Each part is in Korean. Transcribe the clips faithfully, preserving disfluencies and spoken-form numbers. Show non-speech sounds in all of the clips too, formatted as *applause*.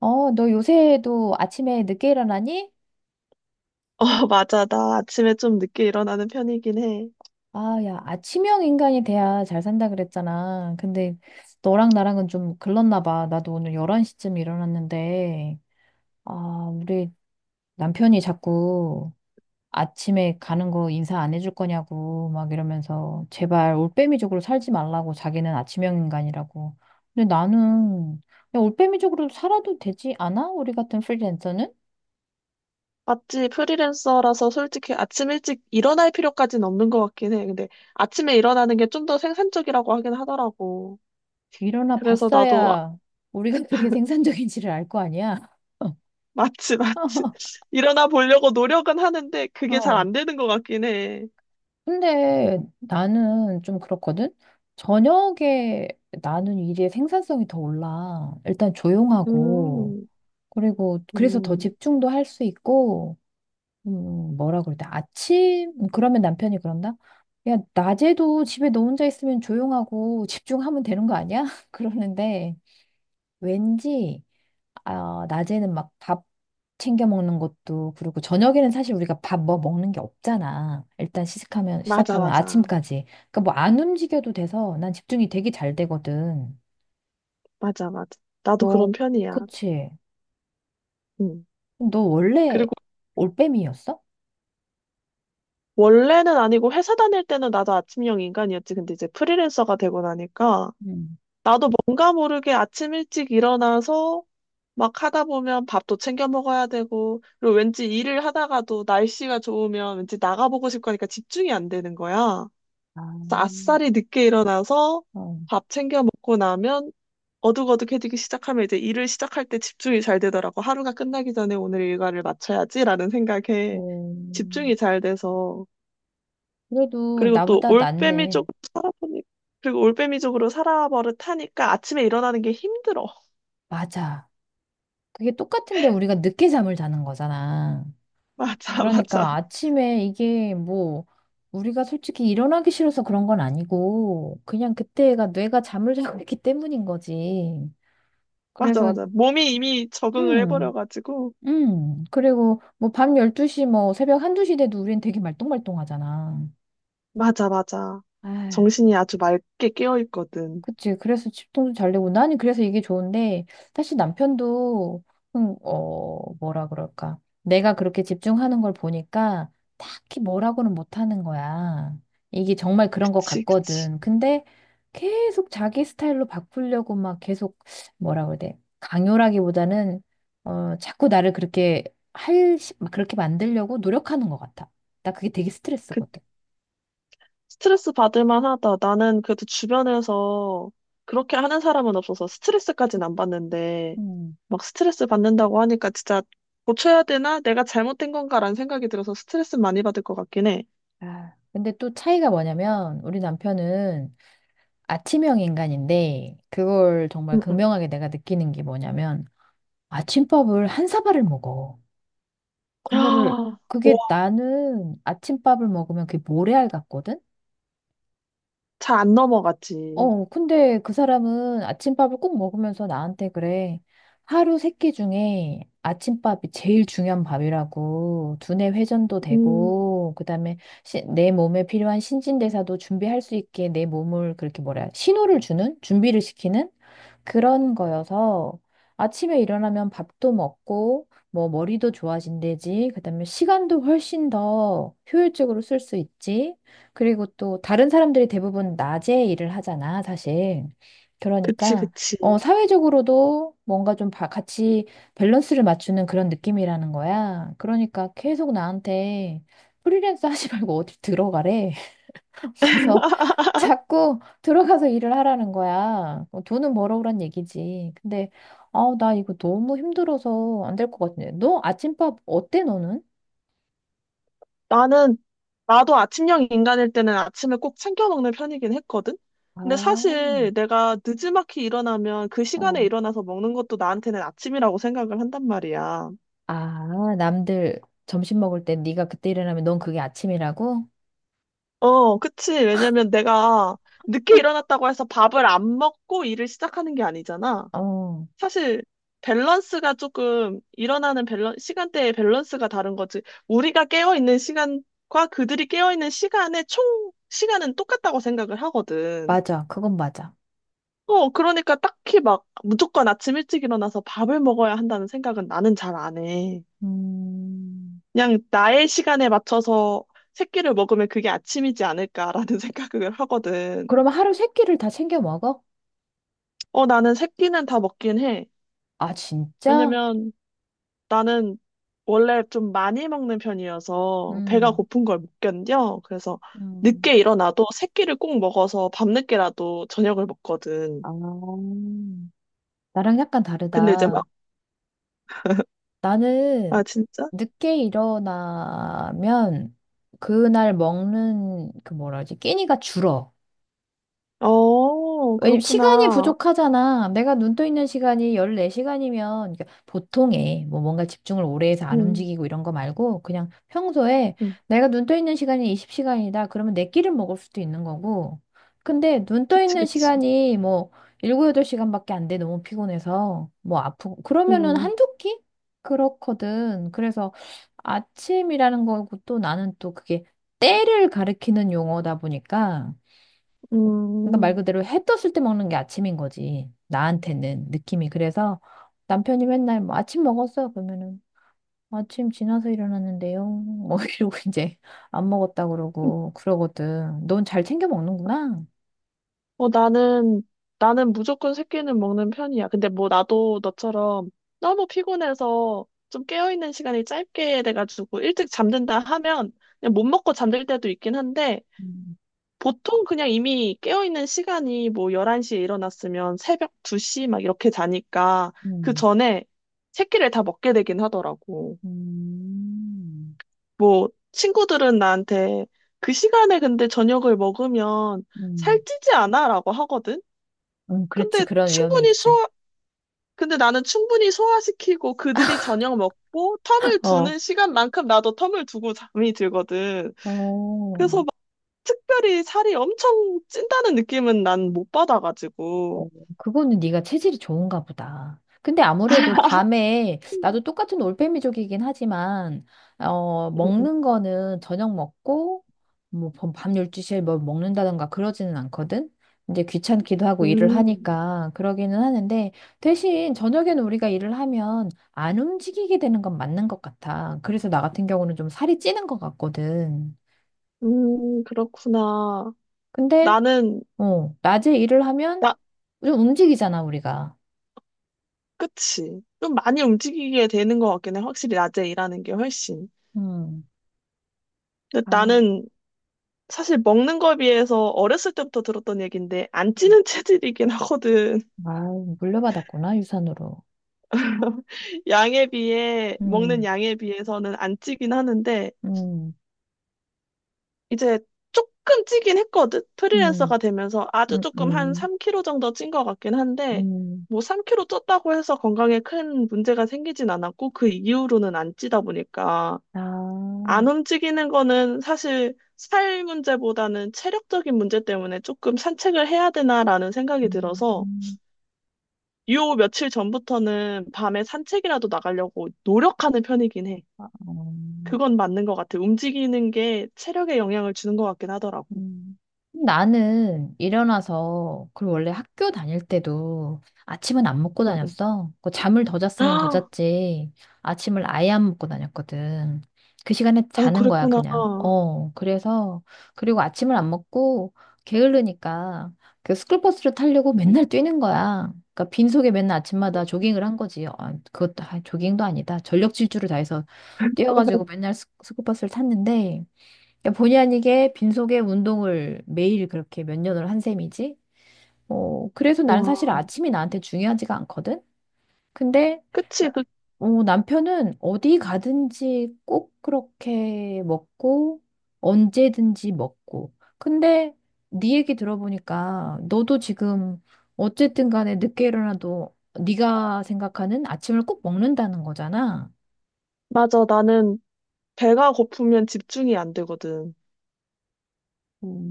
어, 너 요새도 아침에 늦게 일어나니? 어, *laughs* 맞아. 나 아침에 좀 늦게 일어나는 편이긴 해. 아, 야, 아침형 인간이 돼야 잘 산다 그랬잖아. 근데 너랑 나랑은 좀 글렀나 봐. 나도 오늘 열한 시쯤 일어났는데, 아, 우리 남편이 자꾸 아침에 가는 거 인사 안 해줄 거냐고 막 이러면서 제발 올빼미족으로 살지 말라고 자기는 아침형 인간이라고. 근데 나는, 야, 올빼미족으로 살아도 되지 않아? 우리 같은 프리랜서는? 맞지? 프리랜서라서 솔직히 아침 일찍 일어날 필요까지는 없는 것 같긴 해. 근데 아침에 일어나는 게 좀 더 생산적이라고 하긴 하더라고. 일어나 그래서 나도 아- 봤어야 우리가 *laughs* 그게 생산적인지를 알 거 아니야. 맞지, 맞지. *laughs* *laughs* 일어나 보려고 노력은 하는데 그게 잘 어. 안 되는 것 같긴 해. 근데 나는 좀 그렇거든. 저녁에 나는 일의 생산성이 더 올라. 일단 조용하고, 음. 그리고 그래서 더 음. 집중도 할 수 있고, 음, 뭐라 그럴때 아침, 그러면 남편이 그런다? 야, 낮에도 집에 너 혼자 있으면 조용하고 집중하면 되는 거 아니야? *laughs* 그러는데, 왠지, 아, 낮에는 막 밥 챙겨 먹는 것도 그렇고 저녁에는 사실 우리가 밥 뭐 먹는 게 없잖아. 일단 시작하면 맞아, 시작하면 맞아. 아침까지. 그러니까 뭐 안 움직여도 돼서 난 집중이 되게 잘 되거든. 맞아, 맞아. 나도 그런 너, 편이야. 그치? 음. 너 원래 그리고 올빼미였어? 원래는 아니고 회사 다닐 때는 나도 아침형 인간이었지. 근데 이제 프리랜서가 되고 나니까 음. 나도 뭔가 모르게 아침 일찍 일어나서 막 하다 보면 밥도 챙겨 먹어야 되고, 그리고 왠지 일을 하다가도 날씨가 좋으면 왠지 나가보고 싶고 하니까 집중이 안 되는 거야. 아, 그래서 아싸리 늦게 일어나서 어. 밥 챙겨 먹고 나면 어둑어둑해지기 시작하면 이제 일을 시작할 때 집중이 잘 되더라고. 하루가 끝나기 전에 오늘 일과를 마쳐야지라는 생각에 어, 집중이 잘 돼서. 그래도 그리고 또 나보다 낫네. 올빼미족으로 살아보니, 그리고 올빼미족으로 살아버릇하니까 아침에 일어나는 게 힘들어. 맞아. 그게 똑같은데 우리가 늦게 잠을 자는 거잖아. *laughs* 맞아, 맞아. 그러니까 아침에 이게 뭐 우리가 솔직히 일어나기 싫어서 그런 건 아니고 그냥 그때가 뇌가 잠을 자고 있기 때문인 거지. 맞아, 그래서 맞아. 몸이 이미 적응을 음. 해버려가지고. 음. 그리고 뭐 밤 열두 시 뭐 새벽 한, 두 시 돼도 우린 되게 말똥말똥하잖아. 맞아, 맞아. 아휴. 정신이 아주 맑게 깨어있거든. 그치. 그래서 집통도 잘 내고 나는 그래서 이게 좋은데 사실 남편도, 음, 어 뭐라 그럴까, 내가 그렇게 집중하는 걸 보니까 딱히 뭐라고는 못하는 거야. 이게 정말 그런 것 그치, 그치. 같거든. 근데 계속 자기 스타일로 바꾸려고 막 계속, 뭐라 그래야 돼, 강요라기보다는 어 자꾸 나를 그렇게 할 시- 막 그렇게 만들려고 노력하는 것 같아. 나 그게 되게 그, 스트레스거든. 스트레스 받을 만하다. 나는 그래도 주변에서 그렇게 하는 사람은 없어서 스트레스까지는 안 받는데, 음. 막 스트레스 받는다고 하니까 진짜 고쳐야 되나? 내가 잘못된 건가라는 생각이 들어서 스트레스 많이 받을 것 같긴 해. 아, 근데 또 차이가 뭐냐면 우리 남편은 아침형 인간인데 그걸 정말 응, 응. 극명하게 내가 느끼는 게 뭐냐면 아침밥을 한 사발을 먹어. 그거를 아, *gasps* 그게 와, 나는 아침밥을 먹으면 그게 모래알 같거든. 잘 안 넘어가지. 어, 근데 그 사람은 아침밥을 꼭 먹으면서 나한테 그래. 하루 세끼 중에 아침밥이 제일 중요한 밥이라고. 두뇌 회전도 음, 되고, 그다음에 내 몸에 필요한 신진대사도 준비할 수 있게 내 몸을 그렇게 뭐라, 해야- 신호를 주는? 준비를 시키는? 그런 거여서 아침에 일어나면 밥도 먹고, 뭐 머리도 좋아진대지. 그다음에 시간도 훨씬 더 효율적으로 쓸 수 있지. 그리고 또 다른 사람들이 대부분 낮에 일을 하잖아, 사실. 그치, 그러니까 그치. 어, 사회적으로도 뭔가 좀 바- 같이 밸런스를 맞추는 그런 느낌이라는 거야. 그러니까 계속 나한테 프리랜서 하지 *laughs* 말고 어디 들어가래. *laughs* 가서 자꾸 들어가서 일을 하라는 거야. 어, 돈은 벌어오란 얘기지. 근데, 아, 나 이거 너무 힘들어서 안 될 것 같은데. 너 아침밥 어때, 너는? 나는, 나도 아침형 인간일 때는 아침에 꼭 챙겨 먹는 편이긴 했거든? 아, 근데 사실 내가 느지막이 일어나면 그 시간에 어. 일어나서 먹는 것도 나한테는 아침이라고 생각을 한단 말이야. 아, 남들 점심 먹을 때 네가 그때 일어나면 넌 그게 아침이라고? 어, 그치. 왜냐면 내가 늦게 일어났다고 해서 밥을 안 먹고 일을 시작하는 게 아니잖아. 어, 사실 밸런스가 조금 일어나는 밸런 시간대의 밸런스가 다른 거지. 우리가 깨어 있는 시간과 그들이 깨어 있는 시간의 총 시간은 똑같다고 생각을 하거든. 맞아. 그건 맞아. 어, 그러니까 딱히 막 무조건 아침 일찍 일어나서 밥을 먹어야 한다는 생각은 나는 잘 안 해. 음, 그냥 나의 시간에 맞춰서 새끼를 먹으면 그게 아침이지 않을까라는 *laughs* 생각을 하거든. 그러면 하루 세 끼를 다 챙겨 먹어? 어, 나는 새끼는 다 먹긴 해. 아, 진짜? 왜냐면 나는 원래 좀 많이 먹는 편이어서 배가 음, 고픈 걸 못 견뎌. 그래서 음. 늦게 일어나도 새끼를 꼭 먹어서 밤늦게라도 저녁을 먹거든. 아, 나랑 약간 근데 이제 막, 다르다. 아, 나는 진짜? 늦게 일어나면 그날 먹는 그, 뭐라 하지, 끼니가 줄어. 어, 왜냐면 시간이 그렇구나. 부족하잖아. 내가 눈떠 있는 시간이 열네 시간이면, 보통에 뭐 뭔가 집중을 오래 해서 안 음. 움직이고 이런 거 말고 그냥 평소에 음. 내가 눈떠 있는 시간이 스무 시간이다. 그러면 내 끼를 먹을 수도 있는 거고. 근데 눈떠 그치, 있는 그치. 시간이 뭐 일곱, 여덟 시간밖에 안 돼. 너무 피곤해서 뭐 아프고 그러면은 음, 한두 끼? 그렇거든. 그래서 아침이라는 거고, 또 나는 또 그게 때를 가리키는 용어다 보니까, 그러니까 말 음. 그대로 해 떴을 때 먹는 게 아침인 거지. 나한테는 느낌이. 그래서 남편이 맨날 뭐 아침 먹었어요 그러면은, 아침 지나서 일어났는데요 뭐 *laughs* 이러고 이제 안 먹었다 그러고 그러거든. 넌 잘 챙겨 먹는구나. 어, 나는, 나는 무조건 새끼는 먹는 편이야. 근데 뭐 나도 너처럼 너무 피곤해서 좀 깨어있는 시간이 짧게 돼가지고 일찍 잠든다 하면 그냥 못 먹고 잠들 때도 있긴 한데 음, 보통 그냥 이미 깨어있는 시간이 뭐 열한 시에 일어났으면 새벽 두 시 막 이렇게 자니까 그 음, 전에 새끼를 다 먹게 되긴 하더라고. 음, 뭐, 친구들은 나한테 그 시간에 근데 저녁을 먹으면 음. 살찌지 않아? 라고 하거든? 음, 그렇지. 근데 그런 위험이 충분히 있지. 소화, 근데 나는 충분히 소화시키고 그들이 저녁 먹고 텀을 어. 두는 시간만큼 나도 텀을 두고 잠이 들거든. 어. 그래서 막 특별히 살이 엄청 찐다는 느낌은 난 못 받아가지고. 어, 그거는 네가 체질이 좋은가 보다. 근데 아무래도 밤에, 나도 똑같은 올빼미족이긴 하지만 어, 음, 먹는 거는 저녁 먹고 뭐밤 열두 시에 뭘 먹는다던가 그러지는 않거든. 이제 귀찮기도 하고 일을 음, 하니까 그러기는 하는데, 대신 저녁에는 우리가 일을 하면 안 움직이게 되는 건 맞는 것 같아. 그래서 나 같은 경우는 좀 살이 찌는 것 같거든. 음, 그렇구나. 근데 나는, 어, 낮에 일을 하면 나, 좀 움직이잖아, 우리가. 그치. 좀 많이 움직이게 되는 것 같긴 해. 확실히 낮에 일하는 게 훨씬. 음. 근데 아, 나는 사실 먹는 거에 비해서 어렸을 때부터 들었던 얘긴데 안 음. 찌는 체질이긴 하거든. 아, 물려받았구나, 유산으로. *laughs* 양에 비해 먹는 음, 양에 비해서는 안 찌긴 하는데 음, 이제 조금 찌긴 했거든. 음, 프리랜서가 되면서 아주 조금 한 음, 삼 킬로그램 정도 찐 것 같긴 한데 뭐 삼 킬로그램 쪘다고 해서 건강에 큰 문제가 생기진 않았고 그 이후로는 안 찌다 보니까 아, 안 움직이는 거는 사실 살 문제보다는 체력적인 문제 때문에 조금 산책을 해야 되나라는 음, 생각이 들어서 음. 요 며칠 전부터는 밤에 산책이라도 나가려고 노력하는 편이긴 해. 아, 음, 어. 그건 맞는 것 같아. 움직이는 게 체력에 영향을 주는 것 같긴 하더라고. 음. 나는 일어나서, 그리고 원래 학교 다닐 때도 아침은 안 먹고 응, 응. 다녔어. 그 잠을 더 *gasps* 잤으면 더 아, 잤지. 아침을 아예 안 먹고 다녔거든. 그 시간에 어, 자는 거야, 그랬구나. 그냥. 어, 그래서, 그리고 아침을 안 먹고 게으르니까 그 스쿨버스를 타려고 맨날 뛰는 거야. 그러니까 빈속에 맨날 아침마다 조깅을 한 거지. 아, 그것도, 아, 조깅도 아니다. 전력 질주를 다해서 뛰어가지고 *laughs* 맨날 스- 스쿨버스를 탔는데, 그러니까 본의 아니게 빈속에 운동을 매일 그렇게 몇 년을 한 셈이지. 어, 그래서 나는 와. 사실 아침이 나한테 중요하지가 않거든. 근데 그치, 나- 그, 어, 남편은 어디 가든지 꼭 그렇게 먹고 언제든지 먹고. 근데 네 얘기 들어보니까 너도 지금 어쨌든 간에 늦게 일어나도 네가 생각하는 아침을 꼭 먹는다는 거잖아. 맞아. 나는 배가 고프면 집중이 안 되거든.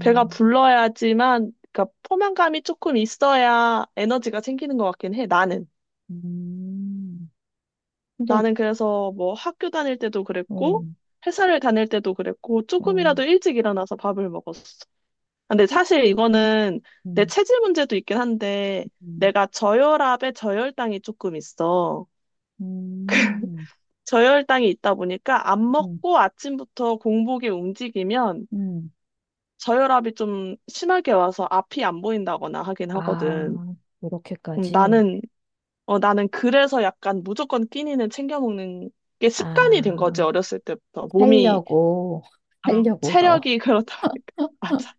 배가 불러야지만, 그러니까 포만감이 조금 있어야 에너지가 생기는 것 같긴 해, 나는. 음. 근데 나는 그래서 뭐 학교 다닐 때도 어, 그랬고, 회사를 다닐 때도 그랬고, 어. 조금이라도 일찍 일어나서 밥을 먹었어. 근데 어? 사실 이거는 내 음. 체질 문제도 있긴 한데 음, 내가 저혈압에 저혈당이 조금 있어. 음, 저혈당이 있다 보니까 안 음, 먹고 아침부터 공복에 움직이면 음. 저혈압이 좀 심하게 와서 앞이 안 보인다거나 하긴 하거든. 아, 음, 이렇게까지. 나는 어 나는 그래서 약간 무조건 끼니는 챙겨 먹는 게 습관이 된 아, 거지 어렸을 때부터 몸이 살려고, *laughs* 어, 살려고 너. 체력이 그렇다 보니까 *laughs* 맞아.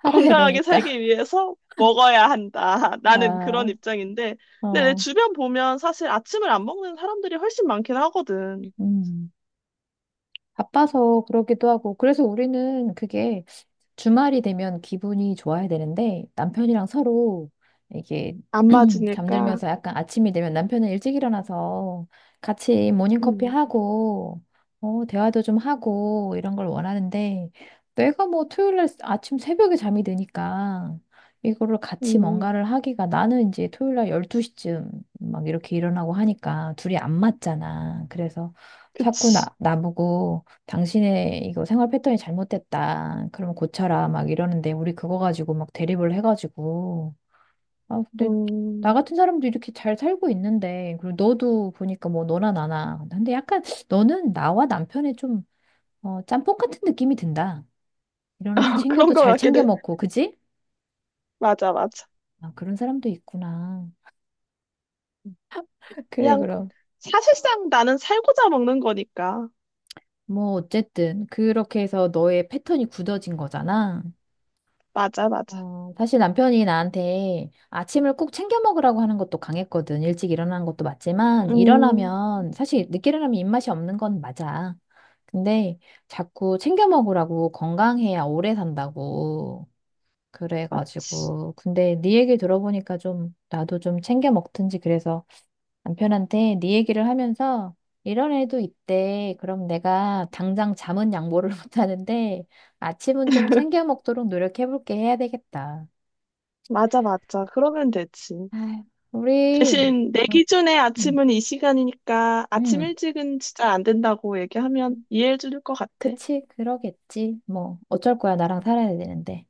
살아야 건강하게 되니까. 살기 위해서 먹어야 한다. 나는 그런 아, 입장인데, 근데 내 어, 주변 보면 사실 아침을 안 먹는 사람들이 훨씬 많긴 하거든. 음. 바빠서 그러기도 하고. 그래서 우리는 그게 주말이 되면 기분이 좋아야 되는데 남편이랑 서로 이게 안 *clears throat* 맞으니까. 잠들면서, 약간 아침이 되면 남편은 일찍 일어나서 같이 모닝커피 음, 하고 어, 대화도 좀 하고 이런 걸 원하는데 내가 뭐 토요일 날 아침 새벽에 잠이 드니까 이거를 음, 같이 음. 뭔가를 하기가, 나는 이제 토요일 날 열두 시쯤 막 이렇게 일어나고 하니까 둘이 안 맞잖아. 그래서 자꾸 그치. 나, 나보고 당신의 이거 생활 패턴이 잘못됐다, 그러면 고쳐라 막 이러는데, 우리 그거 가지고 막 대립을 해가지고. 아, 근데 나 음, 같은 사람도 이렇게 잘 살고 있는데, 그리고 너도 보니까 뭐 너나 나나. 근데 약간 너는 나와 남편의 좀, 어, 짬뽕 같은 느낌이 든다. 일어나서 *laughs* 그런 챙겨도 거 잘 같긴 챙겨 해. 먹고, 그지? 맞아, 맞아. 아, 그런 사람도 있구나. 그래, 그냥 그럼. 사실상 나는 살고자 먹는 거니까. 뭐, 어쨌든, 그렇게 해서 너의 패턴이 굳어진 거잖아. 맞아, 맞아. 어, 사실 남편이 나한테 아침을 꼭 챙겨 먹으라고 하는 것도 강했거든. 일찍 일어나는 것도 맞지만, 음, 일어나면, 사실 늦게 일어나면 입맛이 없는 건 맞아. 근데 자꾸 챙겨 먹으라고, 건강해야 오래 산다고. 맞지. 그래가지고. 근데 네 얘기 들어보니까 좀, 나도 좀 챙겨 먹든지 그래서 남편한테 네 얘기를 하면서 이런 애도 있대. 그럼 내가 당장 잠은 양보를 *laughs* 못 하는데 아침은 좀 챙겨 먹도록 노력해볼게 해야 되겠다. 맞아, 맞아. 그러면 되지. 아 우리, 대신 내 응, 기준에 음, 아침은 이 시간이니까 아침 음, 일찍은 진짜 안 된다고 얘기하면 이해해 줄 것 같아. 그치, 그러겠지. 뭐, 어쩔 거야, 나랑 살아야 되는데.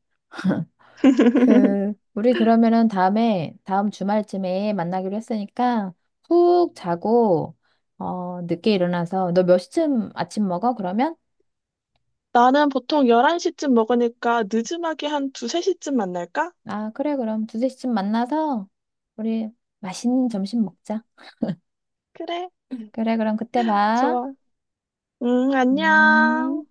그, 우리 그러면은 다음에, 다음 주말쯤에 만나기로 했으니까, 푹 자고, 어, 늦게 일어나서, 너 몇 시쯤 아침 먹어, 그러면? 나는 보통 열한 시쯤 먹으니까 늦음하게 한 두, 세 시쯤 만날까? 아, 그래, 그럼 두세 시쯤 만나서, 우리 맛있는 점심 먹자. 그래. *laughs* 그래, 그럼 그때 봐. 좋아. 응, 안녕. 음.